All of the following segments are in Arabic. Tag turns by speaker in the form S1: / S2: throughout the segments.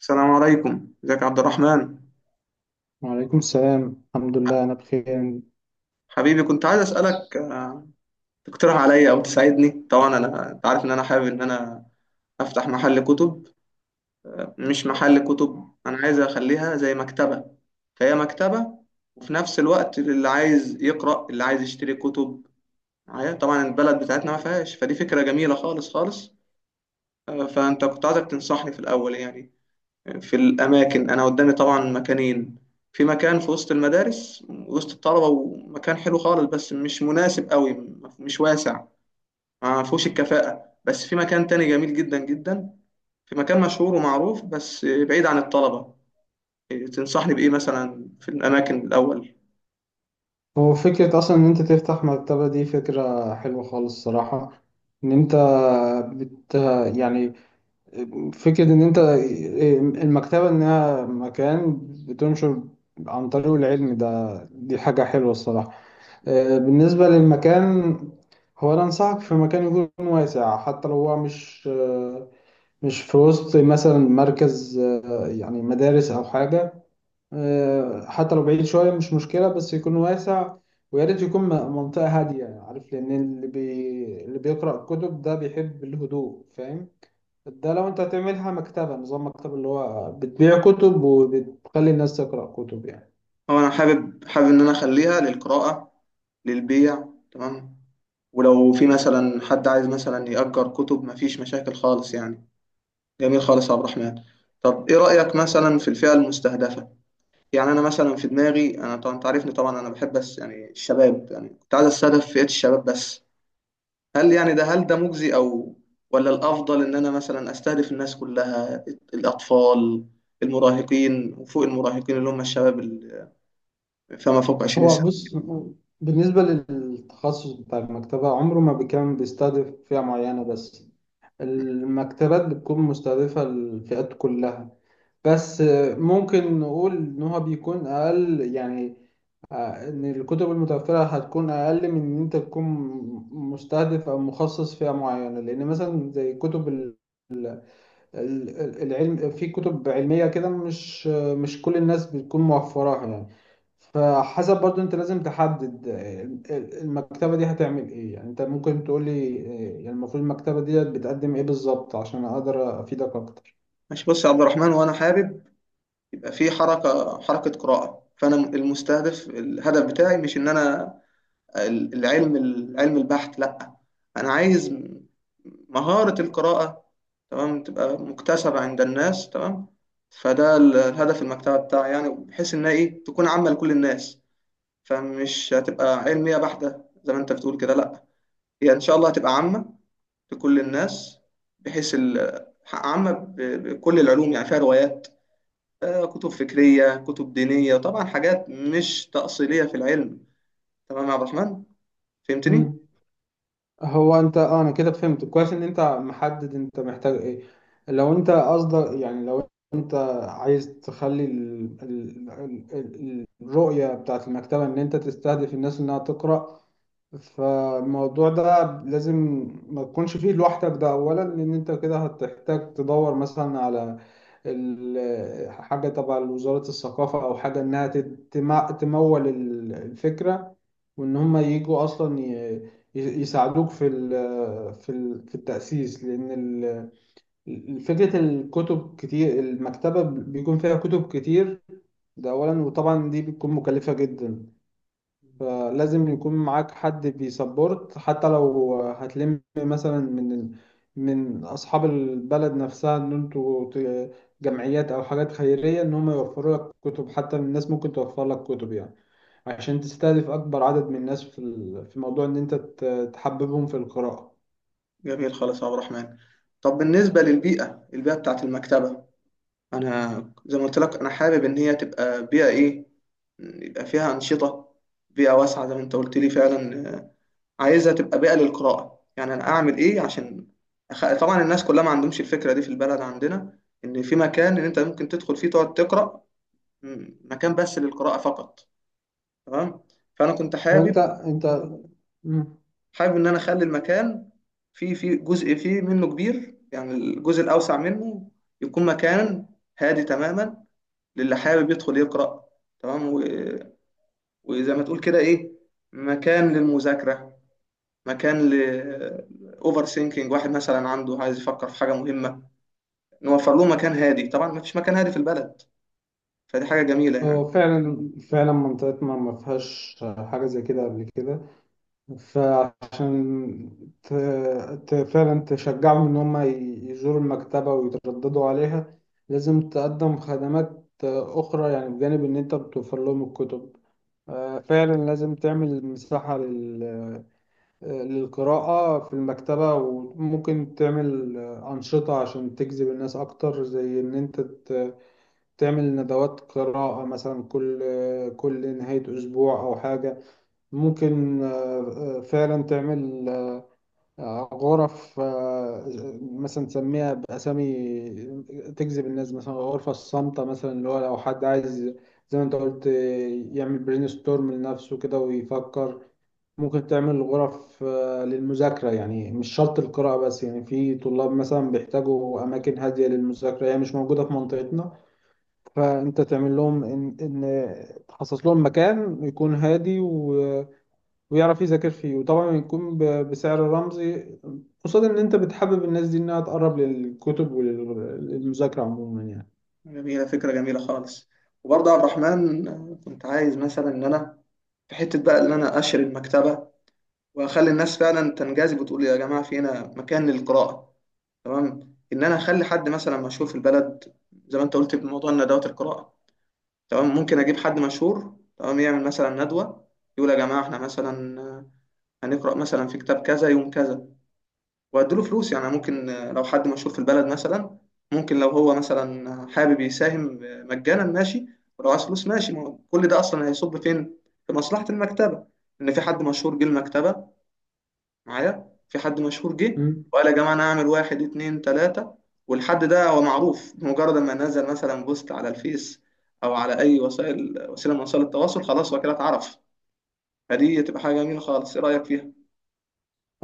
S1: السلام عليكم، ازيك يا عبد الرحمن؟
S2: وعليكم السلام، الحمد لله أنا بخير.
S1: حبيبي كنت عايز اسالك، تقترح عليا او تساعدني. طبعا انا، انت عارف ان انا حابب ان انا افتح محل كتب. مش محل كتب، انا عايز اخليها زي مكتبه، فهي مكتبه، وفي نفس الوقت اللي عايز يقرا اللي عايز يشتري كتب معايا. طبعا البلد بتاعتنا ما فيهاش، فدي فكره جميله خالص خالص. فانت كنت عايزك تنصحني في الاول يعني في الأماكن. أنا قدامي طبعا مكانين. في مكان في وسط المدارس وسط الطلبة، ومكان حلو خالص بس مش مناسب قوي، مش واسع، ما فيهوش الكفاءة. بس في مكان تاني جميل جدا جدا، في مكان مشهور ومعروف بس بعيد عن الطلبة. تنصحني بإيه مثلا في الأماكن الأول؟
S2: هو فكرة أصلا إن أنت تفتح مكتبة دي فكرة حلوة خالص الصراحة. إن أنت بت يعني فكرة إن أنت المكتبة إنها مكان بتنشر عن طريق العلم، ده دي حاجة حلوة الصراحة. بالنسبة للمكان، هو أنا أنصحك في مكان يكون واسع، حتى لو هو مش مش في وسط مثلا مركز يعني مدارس أو حاجة. حتى لو بعيد شوية مش مشكلة بس يكون واسع. ويا ريت يكون منطقة هادية، عارف، لأن اللي بيقرأ كتب ده بيحب الهدوء، فاهم؟ ده لو أنت هتعملها مكتبة، نظام مكتبة اللي هو بتبيع كتب وبتخلي الناس تقرأ كتب يعني.
S1: هو أنا حابب إن أنا أخليها للقراءة، للبيع، تمام. ولو في مثلا حد عايز مثلا يأجر كتب مفيش مشاكل خالص يعني. جميل خالص يا عبد الرحمن. طب ايه رأيك مثلا في الفئة المستهدفة؟ يعني انا مثلا في دماغي، انا طبعا انت عارفني طبعا انا بحب بس يعني الشباب، يعني كنت عايز استهدف فئة الشباب بس. هل يعني ده هل ده مجزي، او ولا الافضل ان انا مثلا استهدف الناس كلها، الاطفال، المراهقين، وفوق المراهقين اللي هم الشباب اللي فما فوق 20
S2: هو
S1: سنة.
S2: بص، بالنسبة للتخصص بتاع المكتبة، عمره ما كان بيستهدف فئة معينة بس. المكتبات بتكون مستهدفة الفئات كلها. بس ممكن نقول إن هو بيكون أقل يعني، إن الكتب المتوفرة هتكون أقل من إن أنت تكون مستهدف أو مخصص فئة معينة، لأن مثلا زي كتب العلم، في كتب علمية كده مش كل الناس بتكون موفراها يعني. فحسب برضو أنت لازم تحدد المكتبة دي هتعمل إيه، يعني أنت ممكن تقولي إيه، يعني المفروض المكتبة دي بتقدم إيه بالظبط عشان أقدر أفيدك أكتر.
S1: ماشي، بص يا عبد الرحمن، وانا حابب يبقى في حركة قراءة، فانا المستهدف الهدف بتاعي مش ان انا العلم، العلم البحت لا. انا عايز مهارة القراءة تمام، تبقى مكتسبة عند الناس تمام. فده الهدف المكتبة بتاعي يعني، بحيث انها ايه تكون عامة لكل الناس. فمش هتبقى علمية بحتة زي ما انت بتقول كده، لا. هي ان شاء الله هتبقى عامة لكل الناس، بحيث عامة بكل العلوم، يعني فيها روايات، كتب فكرية، كتب دينية، طبعا حاجات مش تأصيلية في العلم. تمام يا عبد الرحمن، فهمتني؟
S2: مم. هو انت انا كده فهمت كويس ان انت محدد انت محتاج ايه. لو انت قصدك، يعني لو انت عايز تخلي الرؤية بتاعت المكتبة ان انت تستهدف الناس انها تقرأ، فالموضوع ده لازم ما تكونش فيه لوحدك. ده اولا، لان انت كده هتحتاج تدور مثلا على حاجة تبع وزارة الثقافة او حاجة انها تمول الفكرة، وان هم يجوا اصلا يساعدوك في التأسيس، لان فكرة الكتب كتير، المكتبة بيكون فيها كتب كتير. ده اولا، وطبعا دي بتكون مكلفة جدا. فلازم يكون معاك حد بيسبورت، حتى لو هتلم مثلا من أصحاب البلد نفسها، إن أنتوا جمعيات أو حاجات خيرية، إن هم يوفروا لك كتب، حتى الناس ممكن توفر لك كتب يعني، عشان تستهدف أكبر عدد من الناس في موضوع إن أنت تحببهم في القراءة.
S1: جميل خالص يا عبد الرحمن. طب بالنسبة للبيئة، البيئة بتاعت المكتبة، أنا زي ما قلت لك أنا حابب إن هي تبقى بيئة إيه، يبقى فيها أنشطة، بيئة واسعة زي ما أنت قلت لي فعلا. عايزها تبقى بيئة للقراءة، يعني أنا أعمل إيه عشان طبعا الناس كلها ما عندهمش الفكرة دي في البلد عندنا، إن في مكان إن أنت ممكن تدخل فيه تقعد تقرأ، مكان بس للقراءة فقط تمام. فأنا كنت
S2: هو
S1: حابب
S2: انت انت مم.
S1: حابب ان انا اخلي المكان فيه جزء فيه منه كبير، يعني الجزء الاوسع منه يكون مكان هادي تماما للي حابب يدخل يقرا تمام. وزي ما تقول كده ايه، مكان للمذاكره، مكان ل اوفر ثينكينج، واحد مثلا عنده عايز يفكر في حاجه مهمه، نوفر له مكان هادي. طبعا ما فيش مكان هادي في البلد، فدي حاجه جميله يعني.
S2: هو فعلا فعلا منطقتنا ما فيهاش حاجة زي كده قبل كده. فعشان ت... فعلا تشجعهم إن هم يزوروا المكتبة ويترددوا عليها، لازم تقدم خدمات أخرى يعني بجانب إن أنت بتوفر لهم الكتب. فعلا لازم تعمل مساحة للقراءة في المكتبة، وممكن تعمل أنشطة عشان تجذب الناس أكتر، زي إن أنت تعمل ندوات قراءة مثلا كل نهاية أسبوع أو حاجة. ممكن فعلا تعمل غرف، مثلا تسميها بأسامي تجذب الناس، مثلا غرفة الصامتة مثلا، اللي هو لو حد عايز، زي ما انت قلت، يعمل برين ستورم لنفسه كده ويفكر. ممكن تعمل غرف للمذاكرة، يعني مش شرط القراءة بس، يعني في طلاب مثلا بيحتاجوا أماكن هادية للمذاكرة، هي مش موجودة في منطقتنا. فأنت تعمل لهم إن تخصص لهم مكان يكون هادي ويعرف يذاكر فيه، وطبعا يكون بسعر رمزي، قصاد ان انت بتحبب الناس دي انها تقرب للكتب وللمذاكرة عموما
S1: جميله، فكره جميله خالص. وبرضه يا عبد الرحمن، كنت عايز مثلا ان انا في حته بقى ان انا اشر المكتبه، واخلي الناس فعلا تنجذب وتقول يا جماعه في هنا مكان للقراءه، تمام. ان انا اخلي حد مثلا مشهور في البلد، زي ما انت قلت بموضوع ندوات القراءه، تمام، ممكن اجيب حد مشهور تمام يعمل مثلا ندوه، يقول يا جماعه احنا مثلا، هنقرا مثلا في كتاب كذا يوم كذا. واديله فلوس يعني، ممكن لو حد مشهور في البلد مثلا، ممكن لو هو مثلا حابب يساهم مجانا ماشي، ولو عايز فلوس ماشي، ما هو كل ده اصلا هيصب فين؟ في مصلحه المكتبه، ان في حد مشهور جه المكتبه، معايا في حد مشهور جه
S2: يعني.
S1: وقال يا جماعه انا هعمل واحد اتنين تلاته. والحد ده هو معروف، بمجرد ما نزل مثلا بوست على الفيس او على اي وسيله من وسائل التواصل، خلاص هو كده اتعرف. فدي تبقى حاجه جميله خالص. ايه رايك فيها؟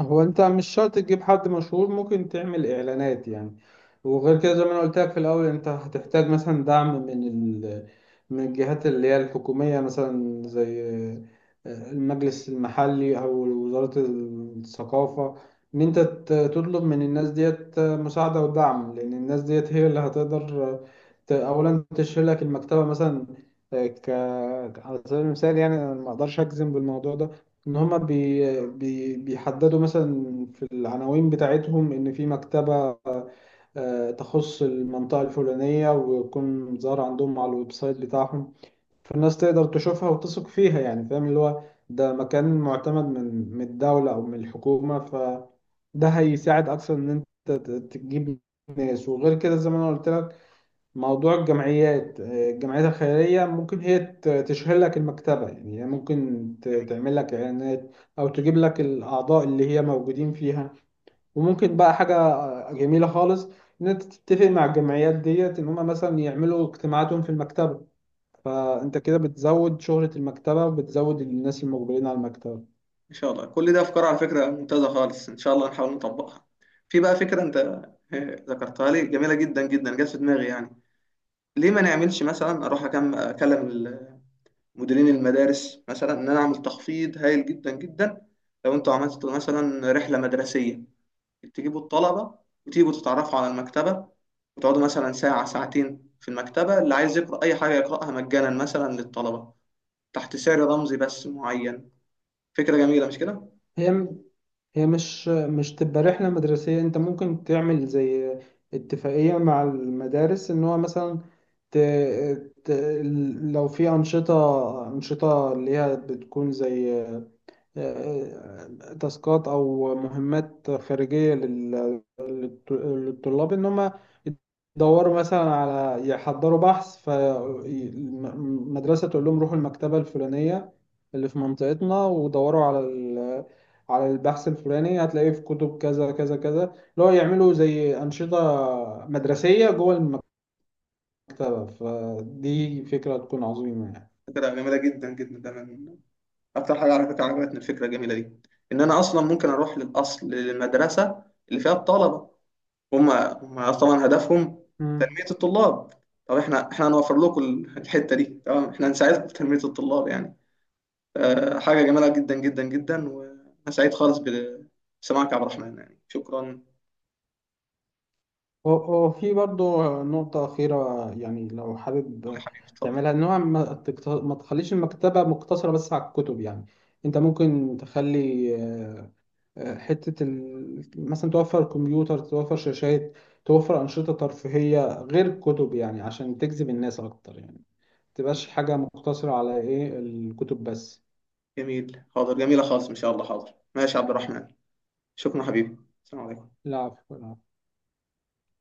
S2: هو انت مش شرط تجيب حد مشهور، ممكن تعمل اعلانات يعني. وغير كده زي ما انا قلت لك في الاول، انت هتحتاج مثلا دعم من ال... من الجهات اللي هي الحكومية، مثلا زي المجلس المحلي او وزارة الثقافة، ان انت تطلب من الناس ديت مساعدة ودعم، لان الناس ديت هي اللي هتقدر، اولا تشيل لك المكتبة مثلا، آه، ك على سبيل المثال. يعني انا ما اقدرش اجزم بالموضوع ده، ان هما بي بي بيحددوا مثلا في العناوين بتاعتهم ان في مكتبة تخص المنطقة الفلانية، ويكون ظاهر عندهم على الويب سايت بتاعهم، فالناس تقدر تشوفها وتثق فيها يعني، فاهم، اللي هو ده مكان معتمد من الدولة او من الحكومة، فده هيساعد اكثر ان انت تجيب ناس. وغير كده زي ما انا قلت لك موضوع الجمعيات، الجمعيات الخيرية ممكن هي تشهر لك المكتبة، يعني هي ممكن
S1: جميل.
S2: تعمل لك إعلانات، أو تجيب لك الأعضاء اللي هي موجودين فيها. وممكن بقى حاجة جميلة خالص، إن أنت تتفق مع الجمعيات ديت إن هما مثلا يعملوا اجتماعاتهم في المكتبة، فأنت كده بتزود شهرة المكتبة وبتزود الناس المقبلين على المكتبة.
S1: ان شاء الله كل ده افكار على فكره ممتازه خالص، ان شاء الله نحاول نطبقها. في بقى فكره انت ذكرتها لي، جميله جدا جدا، جت في دماغي يعني. ليه ما نعملش مثلا اروح اكلم مديرين المدارس مثلا ان انا اعمل تخفيض هايل جدا جدا، لو انتوا عملتوا مثلا رحله مدرسيه، تجيبوا الطلبه وتيجوا تتعرفوا على المكتبه، وتقعدوا مثلا ساعه ساعتين في المكتبه، اللي عايز يقرا اي حاجه يقراها مجانا مثلا للطلبه، تحت سعر رمزي بس معين. فكره جميله مش كده؟
S2: هي م- هي مش تبقى رحلة مدرسية، انت ممكن تعمل زي اتفاقية مع المدارس، ان هو مثلا ت... ت... لو في أنشطة، اللي هي بتكون زي آه، تاسكات أو مهمات خارجية للطلاب، ان هم يدوروا مثلا على، يحضروا بحث، فالمدرسة تقول لهم روحوا المكتبة الفلانية اللي في منطقتنا ودوروا على البحث الفلاني، هتلاقيه في كتب كذا كذا كذا، اللي هو يعملوا زي أنشطة مدرسية جوه المكتبة، فدي فكرة تكون عظيمة يعني.
S1: فكره جميله جدا جدا، ده من اكتر حاجه على فكره عجبتني، الفكره الجميله دي ان انا اصلا ممكن اروح للاصل للمدرسه اللي فيها الطلبه. هم هم طبعا هدفهم
S2: مم.
S1: تنمية الطلاب، طب احنا هنوفر لكم الحتة دي تمام، احنا هنساعدكم في تنمية الطلاب يعني. حاجة جميلة جدا جدا جدا، وانا سعيد خالص بسماعك يا عبد الرحمن، يعني شكرا، قول
S2: وفي برضه نقطة أخيرة يعني لو
S1: يا
S2: حابب
S1: حبيبي، اتفضل.
S2: تعملها، إن هو ما تخليش المكتبة مقتصرة بس على الكتب يعني. أنت ممكن تخلي حتة مثلا توفر كمبيوتر، توفر شاشات، توفر أنشطة ترفيهية غير الكتب يعني عشان تجذب الناس أكتر يعني، متبقاش حاجة مقتصرة على إيه الكتب بس.
S1: جميل، حاضر، جميلة خالص ان شاء الله، حاضر، ماشي يا عبد الرحمن، شكرا حبيبي، السلام عليكم.
S2: لا، عفوا.